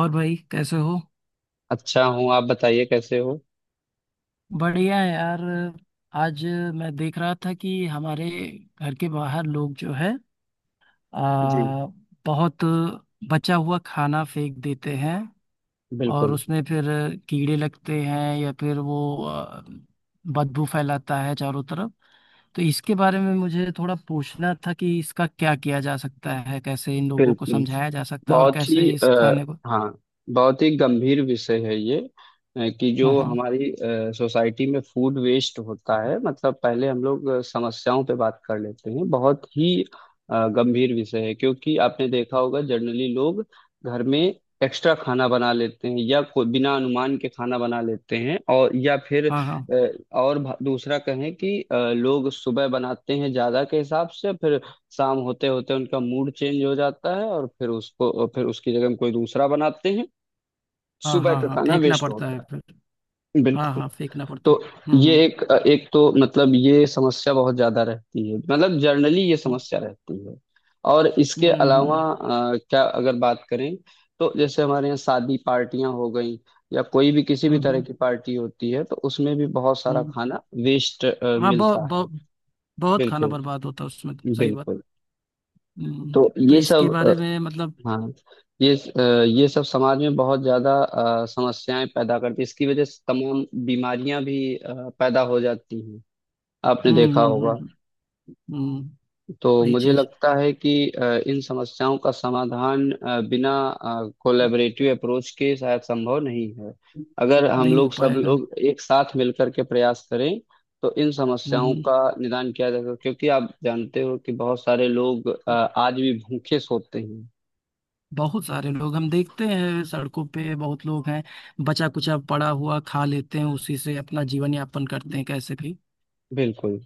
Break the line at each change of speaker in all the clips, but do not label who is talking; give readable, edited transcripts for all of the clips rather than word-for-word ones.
और भाई कैसे हो?
अच्छा हूँ। आप बताइए कैसे हो।
बढ़िया है यार। आज मैं देख रहा था कि हमारे घर के बाहर लोग जो है
जी।
आ, बहुत बचा हुआ खाना फेंक देते हैं, और
बिल्कुल,
उसमें फिर कीड़े लगते हैं या फिर वो बदबू फैलाता है चारों तरफ। तो इसके बारे में मुझे थोड़ा पूछना था कि इसका क्या किया जा सकता है, कैसे इन लोगों को
बिल्कुल।
समझाया जा सकता है और
बहुत ही
कैसे इस खाने को।
हाँ, बहुत ही गंभीर विषय है ये। कि
हाँ,
जो
हाँ,
हमारी सोसाइटी में फूड वेस्ट होता है। मतलब पहले हम लोग समस्याओं पे बात कर लेते हैं। बहुत ही गंभीर विषय है, क्योंकि आपने देखा होगा जनरली लोग घर में एक्स्ट्रा खाना बना लेते हैं, या कोई बिना अनुमान के खाना बना लेते हैं, और या फिर
हाँ, हाँ,
अ, दूसरा कहें कि लोग सुबह बनाते हैं ज्यादा के हिसाब से। फिर शाम होते होते उनका मूड चेंज हो जाता है और फिर उसको फिर उसकी जगह हम कोई दूसरा बनाते हैं।
हाँ,
सुबह
हाँ,
का
हाँ,
खाना
फेंकना
वेस्ट
पड़ता है
होता
फिर।
है,
हाँ,
बिल्कुल।
हाँ, फेंकना पड़ता।
तो
हम्म,
ये
हम्म।
एक, एक तो मतलब ये समस्या बहुत ज्यादा रहती है। मतलब जनरली ये समस्या
हाँ,
रहती है। और
हम्म,
इसके अलावा
हम्म,
क्या अगर बात करें, तो जैसे हमारे यहाँ शादी पार्टियां हो गई या कोई भी किसी
हम्म,
भी तरह
हम्म।
की पार्टी होती है, तो उसमें भी बहुत सारा
हम्म।
खाना वेस्ट
हाँ बहुत
मिलता है।
बहुत बहुत खाना
बिल्कुल,
बर्बाद होता है उसमें तो, सही बात।
बिल्कुल।
हम्म।
तो
तो
ये
इसके
सब,
बारे में मतलब।
हाँ, ये अ, ये सब समाज में बहुत ज्यादा समस्याएं पैदा करती है। इसकी वजह से तमाम बीमारियां भी पैदा हो जाती हैं, आपने
हम्म,
देखा
हम्म,
होगा।
हम्म, हम्म।
तो
वही
मुझे
चीज।
लगता है कि इन समस्याओं का समाधान बिना कोलैबोरेटिव अप्रोच के शायद संभव नहीं है। अगर हम
नहीं हो
लोग, सब
पाएगा। हम्म।
लोग एक साथ मिलकर के प्रयास करें, तो इन समस्याओं
हम्म।
का निदान किया जा सकता है। क्योंकि आप जानते हो कि बहुत सारे लोग आज भी भूखे सोते हैं।
बहुत सारे लोग, हम देखते हैं सड़कों पे बहुत लोग हैं, बचा कुचा पड़ा हुआ खा लेते हैं, उसी से अपना जीवन यापन करते हैं कैसे भी।
बिल्कुल।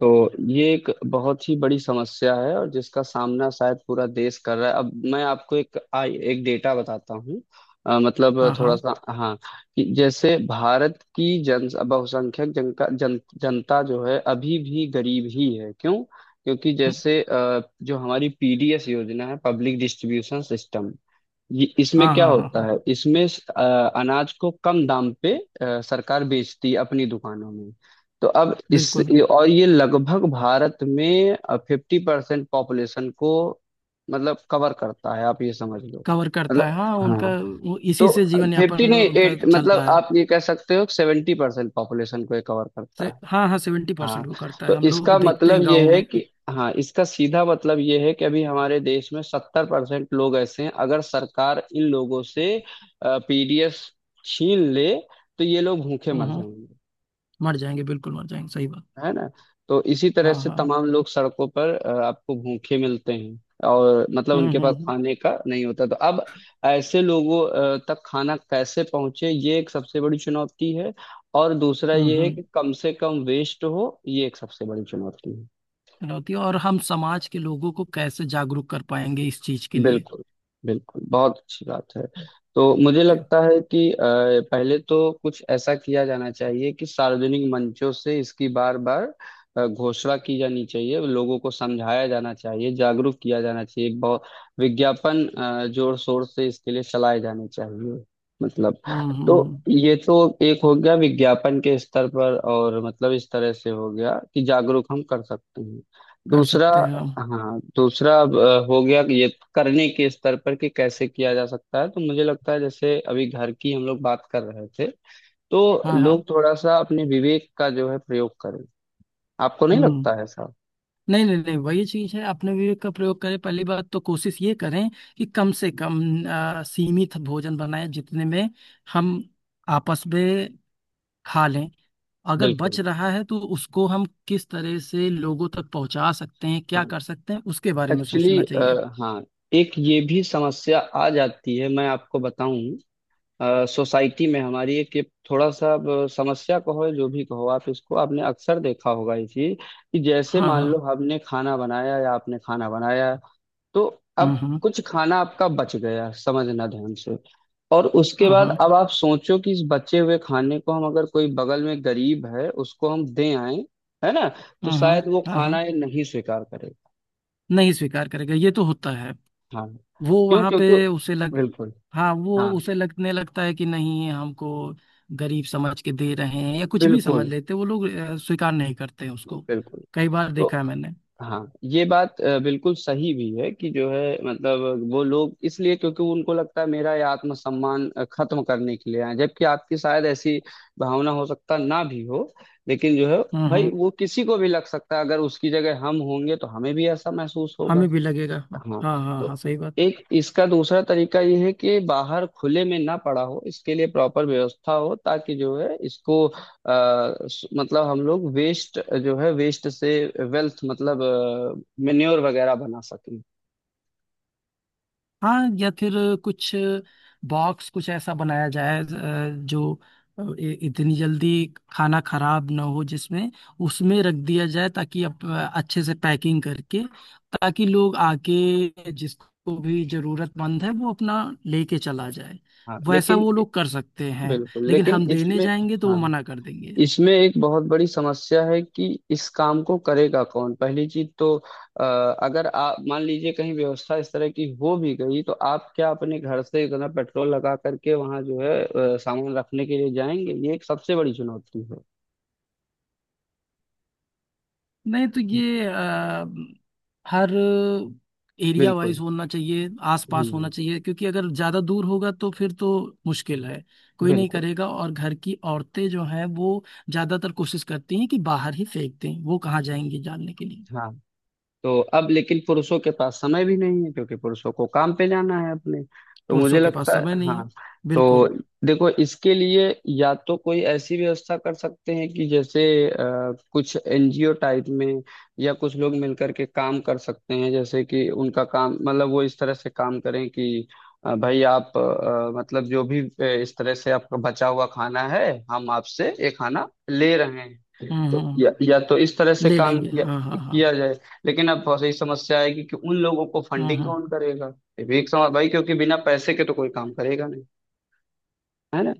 तो ये एक बहुत ही बड़ी समस्या है और जिसका सामना शायद पूरा देश कर रहा है। अब मैं आपको एक एक डेटा बताता हूँ। मतलब
हाँ,
थोड़ा
हाँ।
सा, हाँ, कि जैसे भारत की जन बहुसंख्यक जनता जो है अभी भी गरीब ही है। क्यों? क्योंकि
हम्म।
जैसे जो हमारी पीडीएस योजना है, पब्लिक डिस्ट्रीब्यूशन सिस्टम, ये इसमें
हाँ,
क्या
हाँ, हाँ,
होता
हाँ।
है, इसमें अनाज को कम दाम पे सरकार बेचती है अपनी दुकानों में। तो अब इस
बिल्कुल।
और ये लगभग भारत में 50% पॉपुलेशन को मतलब कवर करता है, आप ये समझ लो।
कवर करता है
मतलब,
हाँ, उनका
हाँ।
वो
तो
इसी से जीवन
50
यापन
नहीं,
उनका
एट,
चल
मतलब
रहा है।
आप ये कह सकते हो 70% पॉपुलेशन को ये कवर करता है।
हाँ, हाँ, सेवेंटी
हाँ।
परसेंट वो करता
तो
है, हम
इसका
लोग देखते
मतलब
हैं
ये
गाँव
है
में।
कि, हाँ, इसका सीधा मतलब ये है कि अभी हमारे देश में 70% लोग ऐसे हैं। अगर सरकार इन लोगों से पीडीएस छीन ले, तो ये लोग भूखे मर
हम्म।
जाएंगे।
मर जाएंगे, बिल्कुल मर जाएंगे, सही बात।
है ना। तो इसी तरह
हाँ,
से
हाँ।
तमाम लोग सड़कों पर आपको भूखे मिलते हैं। और मतलब
हम्म,
उनके
हम्म,
पास
हम्म।
खाने का नहीं होता, तो अब ऐसे लोगों तक खाना कैसे पहुंचे, ये एक सबसे बड़ी चुनौती है। और दूसरा
हम्म,
ये है कि कम से कम वेस्ट हो, ये एक सबसे बड़ी चुनौती।
चुनौती, और हम समाज के लोगों को कैसे जागरूक कर पाएंगे इस चीज के लिए।
बिल्कुल, बिल्कुल, बहुत अच्छी बात है। तो मुझे
ठीक।
लगता है कि पहले तो कुछ ऐसा किया जाना चाहिए कि सार्वजनिक मंचों से इसकी बार बार घोषणा की जानी चाहिए, लोगों को समझाया जाना चाहिए, जागरूक किया जाना चाहिए, बहुत विज्ञापन जोर शोर से इसके लिए चलाए जाने चाहिए, मतलब।
हम्म, हम्म,
तो
हम्म।
ये तो एक हो गया विज्ञापन के स्तर पर, और मतलब इस तरह से हो गया कि जागरूक हम कर सकते हैं।
कर
दूसरा,
सकते हैं हम।
हाँ, दूसरा अब, हो गया कि ये करने के स्तर पर कि कैसे किया जा सकता है। तो मुझे लगता है जैसे अभी घर की हम लोग बात कर रहे थे, तो
हाँ, हाँ।
लोग थोड़ा सा अपने विवेक का जो है प्रयोग करें। आपको नहीं
हम्म।
लगता है साहब?
नहीं, नहीं, नहीं, वही चीज है, अपने विवेक का प्रयोग करें। पहली बात तो कोशिश ये करें कि कम से कम सीमित भोजन बनाएं जितने में हम आपस में खा लें। अगर
बिल्कुल,
बच रहा है तो उसको हम किस तरह से लोगों तक पहुंचा सकते हैं, क्या
हाँ।
कर सकते हैं, उसके बारे में
एक्चुअली,
सोचना चाहिए।
हाँ, एक ये भी समस्या आ जाती है, मैं आपको बताऊं, सोसाइटी में हमारी एक ये, थोड़ा सा अब समस्या कहो या जो भी कहो आप इसको, आपने अक्सर देखा होगा ये चीज, कि जैसे
हाँ,
मान
हाँ।
लो हमने खाना बनाया या आपने खाना बनाया, तो अब
हम्म, हम्म।
कुछ खाना आपका बच गया, समझना ध्यान से। और उसके
हाँ,
बाद
हाँ।
अब आप सोचो कि इस बचे हुए खाने को हम, अगर कोई बगल में गरीब है उसको हम दे आए, है ना, तो
हम्म, हम्म,
शायद वो
हाँ, हाँ, हाँ, हाँ।
खाना ये नहीं स्वीकार करेगा।
नहीं स्वीकार करेगा, ये तो होता है।
हाँ।
वो
क्यों?
वहां
क्योंकि,
पे उसे लग।
बिल्कुल,
हाँ, वो
हाँ,
उसे लगने लगता है कि नहीं हमको गरीब समझ के दे रहे हैं या कुछ भी समझ
बिल्कुल,
लेते हैं, वो लोग स्वीकार नहीं करते हैं उसको।
बिल्कुल।
कई बार
तो,
देखा है मैंने।
हाँ, ये बात बिल्कुल सही भी है, कि जो है मतलब वो लोग इसलिए, क्योंकि उनको लगता है मेरा ये आत्मसम्मान खत्म करने के लिए आए हैं। जबकि आपकी शायद ऐसी भावना हो, सकता ना भी हो, लेकिन जो है
हम्म,
भाई,
हम्म।
वो किसी को भी लग सकता है। अगर उसकी जगह हम होंगे तो हमें भी ऐसा महसूस होगा।
हमें भी लगेगा,
हाँ।
हाँ, हाँ,
तो
हाँ, सही बात।
एक इसका दूसरा तरीका ये है कि बाहर खुले में ना पड़ा हो, इसके लिए प्रॉपर व्यवस्था हो, ताकि जो है इसको मतलब हम लोग वेस्ट जो है, वेस्ट से वेल्थ, मतलब मेन्योर वगैरह बना सकें।
हाँ या फिर कुछ बॉक्स कुछ ऐसा बनाया जाए जो इतनी जल्दी खाना खराब ना हो, जिसमें उसमें रख दिया जाए, ताकि अच्छे से पैकिंग करके, ताकि लोग आके जिसको भी जरूरतमंद है वो अपना लेके चला जाए।
हाँ,
वैसा
लेकिन,
वो लोग कर सकते हैं।
बिल्कुल,
लेकिन
लेकिन
हम देने
इसमें,
जाएंगे तो वो
हाँ,
मना कर देंगे।
इसमें एक बहुत बड़ी समस्या है कि इस काम को करेगा कौन, पहली चीज तो अगर आप मान लीजिए कहीं व्यवस्था इस तरह की हो भी गई, तो आप क्या अपने घर से इतना पेट्रोल लगा करके वहां जो है सामान रखने के लिए जाएंगे? ये एक सबसे बड़ी चुनौती है।
नहीं तो ये हर एरिया
बिल्कुल।
वाइज होना चाहिए, आसपास होना
हम्म।
चाहिए, क्योंकि अगर ज़्यादा दूर होगा तो फिर तो मुश्किल है। कोई नहीं
बिल्कुल।
करेगा, और घर की औरतें जो हैं वो ज़्यादातर कोशिश करती हैं कि बाहर ही फेंक दें, वो कहाँ जाएंगी जानने के लिए।
हाँ। तो अब लेकिन पुरुषों के पास समय भी नहीं है, क्योंकि पुरुषों को काम पे जाना है अपने। तो मुझे
पुरुषों के पास
लगता है,
समय नहीं है।
हाँ, तो
बिल्कुल।
देखो, इसके लिए या तो कोई ऐसी व्यवस्था कर सकते हैं कि जैसे कुछ एनजीओ टाइप में, या कुछ लोग मिलकर के काम कर सकते हैं, जैसे कि उनका काम मतलब वो इस तरह से काम करें कि, भाई आप मतलब जो भी इस तरह से आपका बचा हुआ खाना है, हम आपसे ये खाना ले रहे हैं।
हम्म,
तो
हम्म।
या तो इस तरह से
ले
काम
लेंगे,
किया
हाँ, हाँ, हाँ।
किया जाए। लेकिन अब बहुत सही समस्या आएगी कि उन लोगों को
हम्म,
फंडिंग
हम्म।
कौन करेगा, ये भी एक समझ भाई, क्योंकि बिना पैसे के तो कोई काम करेगा नहीं। है ना।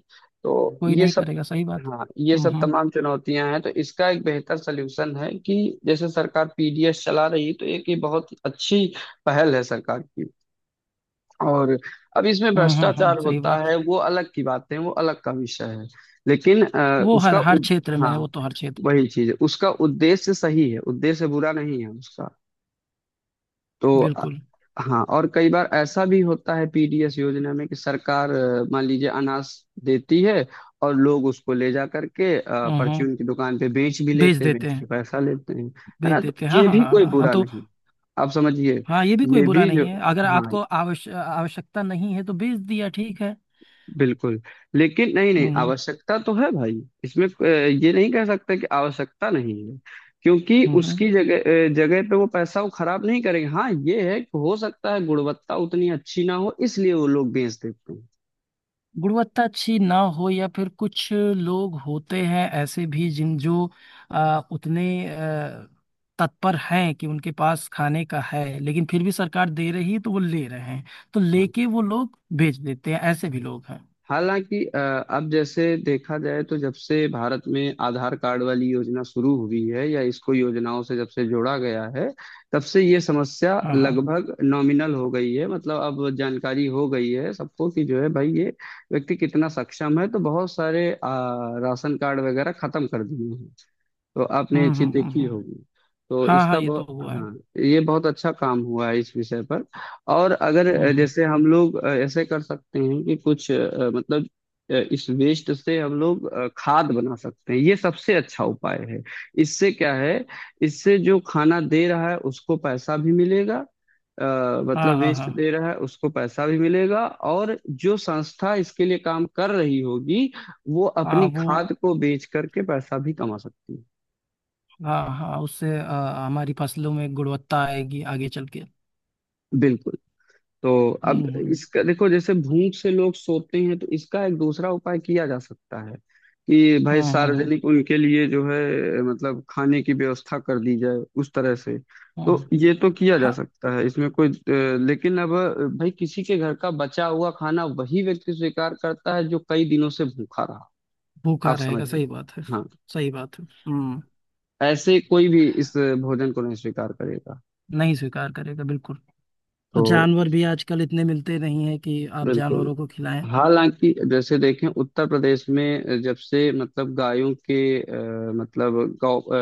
तो
कोई
ये
नहीं
सब,
करेगा, सही बात।
हाँ, ये
हम्म,
सब
हम्म,
तमाम चुनौतियां हैं। तो इसका एक बेहतर सलूशन है कि जैसे सरकार पीडीएस चला रही है, तो एक ये बहुत अच्छी पहल है सरकार की। और अब इसमें
हम्म, हम्म,
भ्रष्टाचार
सही
होता
बात।
है, वो अलग की बात है, वो अलग का विषय है, लेकिन
वो हर हर क्षेत्र में
हाँ,
है, वो तो हर क्षेत्र।
वही चीज है, उसका उद्देश्य सही है, उद्देश्य बुरा नहीं है उसका। तो
बिल्कुल।
हाँ, और कई बार ऐसा भी होता है पीडीएस योजना में, कि सरकार मान लीजिए अनाज देती है और लोग उसको ले जा करके
हम्म, हम्म।
परचून की दुकान पे बेच भी
बेच
लेते हैं,
देते
बेच के
हैं,
पैसा लेते हैं, है
भेज
ना। तो
देते हैं, हाँ,
ये
हाँ,
भी
हाँ,
कोई
हाँ, हाँ
बुरा
तो।
नहीं, आप समझिए,
हाँ, ये भी कोई
ये
बुरा
भी
नहीं
जो,
है, अगर
हाँ,
आपको आवश्यकता नहीं है तो भेज दिया, ठीक है।
बिल्कुल। लेकिन नहीं, नहीं,
हम्म।
आवश्यकता तो है भाई, इसमें ये नहीं कह सकते कि आवश्यकता नहीं है, क्योंकि
हम्म,
उसकी जगह पे वो पैसा वो खराब नहीं करेंगे। हाँ, ये है कि हो सकता है गुणवत्ता उतनी अच्छी ना हो, इसलिए वो लोग बेच देते हैं।
गुणवत्ता अच्छी ना हो, या फिर कुछ लोग होते हैं ऐसे भी जिन जो उतने आ, तत्पर हैं कि उनके पास खाने का है, लेकिन फिर भी सरकार दे रही है तो वो ले रहे हैं। तो
हाँ,
लेके वो लोग भेज देते हैं, ऐसे भी
हाँ।
लोग हैं।
हालांकि अब जैसे देखा जाए, तो जब से भारत में आधार कार्ड वाली योजना शुरू हुई है, या इसको योजनाओं से जब से जोड़ा गया है, तब से ये समस्या
हाँ, हाँ।
लगभग नॉमिनल हो गई है, मतलब अब जानकारी हो गई है सबको कि जो है भाई ये व्यक्ति कितना सक्षम है, तो बहुत सारे राशन कार्ड वगैरह खत्म कर दिए हैं, तो आपने ये
हम्म,
चीज
हम्म, हम्म,
देखी होगी। तो
हाँ, हाँ,
इसका
ये तो
बहुत,
हुआ है।
हाँ, ये बहुत अच्छा काम हुआ है इस विषय पर। और अगर
हम्म,
जैसे हम लोग ऐसे कर सकते हैं कि कुछ मतलब इस वेस्ट से हम लोग खाद बना सकते हैं, ये सबसे अच्छा उपाय है। इससे क्या है, इससे जो खाना दे रहा है उसको पैसा भी मिलेगा, मतलब
हाँ, हाँ,
वेस्ट
हाँ,
दे रहा है उसको पैसा भी मिलेगा, और जो संस्था इसके लिए काम कर रही होगी वो
हाँ।
अपनी
वो,
खाद को बेच करके पैसा भी कमा सकती है।
हाँ, हाँ, उससे हमारी फसलों में गुणवत्ता आएगी आगे चल के।
बिल्कुल। तो अब
हम्म,
इसका देखो, जैसे भूख से लोग सोते हैं, तो इसका एक दूसरा उपाय किया जा सकता है कि भाई
हम्म, हम्म, हम्म,
सार्वजनिक, उनके लिए जो है मतलब खाने की व्यवस्था कर दी जाए उस तरह से।
हम्म,
तो
हम्म।
ये तो किया जा
हाँ।
सकता है, इसमें कोई लेकिन अब भाई, किसी के घर का बचा हुआ खाना वही व्यक्ति स्वीकार करता है जो कई दिनों से भूखा रहा,
भूखा
आप
रहेगा,
समझिए।
सही बात है।
हाँ।
सही बात है। हम्म।
ऐसे कोई भी इस भोजन को नहीं स्वीकार करेगा,
नहीं स्वीकार करेगा, बिल्कुल। और
तो।
जानवर भी आजकल इतने मिलते नहीं है कि आप
बिल्कुल।
जानवरों को खिलाएं।
हालांकि जैसे देखें, उत्तर प्रदेश में जब से मतलब गायों के मतलब गौ अ,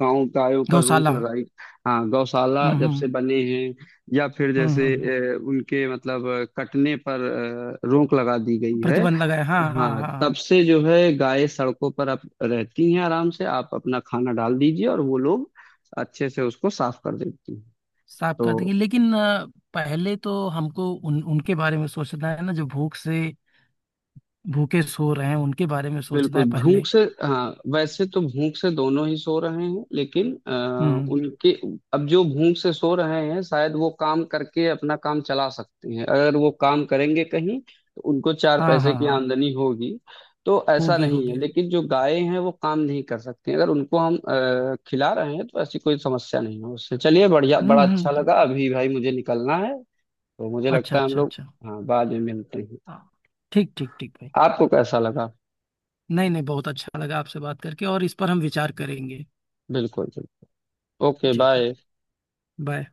गाँव गायों पर रोक
गौशाला। हम्म।
लगाई, हाँ, गौशाला जब
हम्म,
से बने हैं, या फिर
हम्म,
जैसे उनके मतलब कटने पर रोक लगा दी गई है।
प्रतिबंध लगाए, हाँ, हाँ,
हाँ,
हाँ, हाँ।
तब से जो है गायें सड़कों पर अब रहती हैं आराम से, आप अपना खाना डाल दीजिए और वो लोग अच्छे से उसको साफ कर देती हैं।
साफ कर देंगे,
तो,
लेकिन पहले तो हमको उन उनके बारे में सोचना है ना, जो भूख से भूखे सो रहे हैं, उनके बारे में सोचना है
बिल्कुल, भूख
पहले।
से, हाँ, वैसे तो भूख से दोनों ही सो रहे हैं, लेकिन
हम्म।
उनके, अब जो भूख से सो रहे हैं, शायद वो काम करके अपना काम चला सकते हैं, अगर वो काम करेंगे कहीं तो उनको चार
हाँ,
पैसे
हाँ,
की
हाँ।
आमदनी होगी। तो ऐसा
होगी,
नहीं है,
होगी।
लेकिन जो गायें हैं वो काम नहीं कर सकती, अगर उनको हम खिला रहे हैं तो ऐसी कोई समस्या नहीं है उससे। चलिए, बढ़िया,
हम्म,
बड़ा अच्छा
हम्म।
लगा, अभी भाई मुझे निकलना है, तो मुझे
अच्छा,
लगता है हम
अच्छा,
लोग,
अच्छा।
हाँ, बाद में मिलते हैं।
हाँ। ठीक, ठीक, ठीक, भाई।
आपको कैसा लगा?
नहीं, नहीं, बहुत अच्छा लगा आपसे बात करके, और इस पर हम विचार करेंगे।
बिल्कुल, बिल्कुल, ओके,
जी, जी।
बाय।
बाय।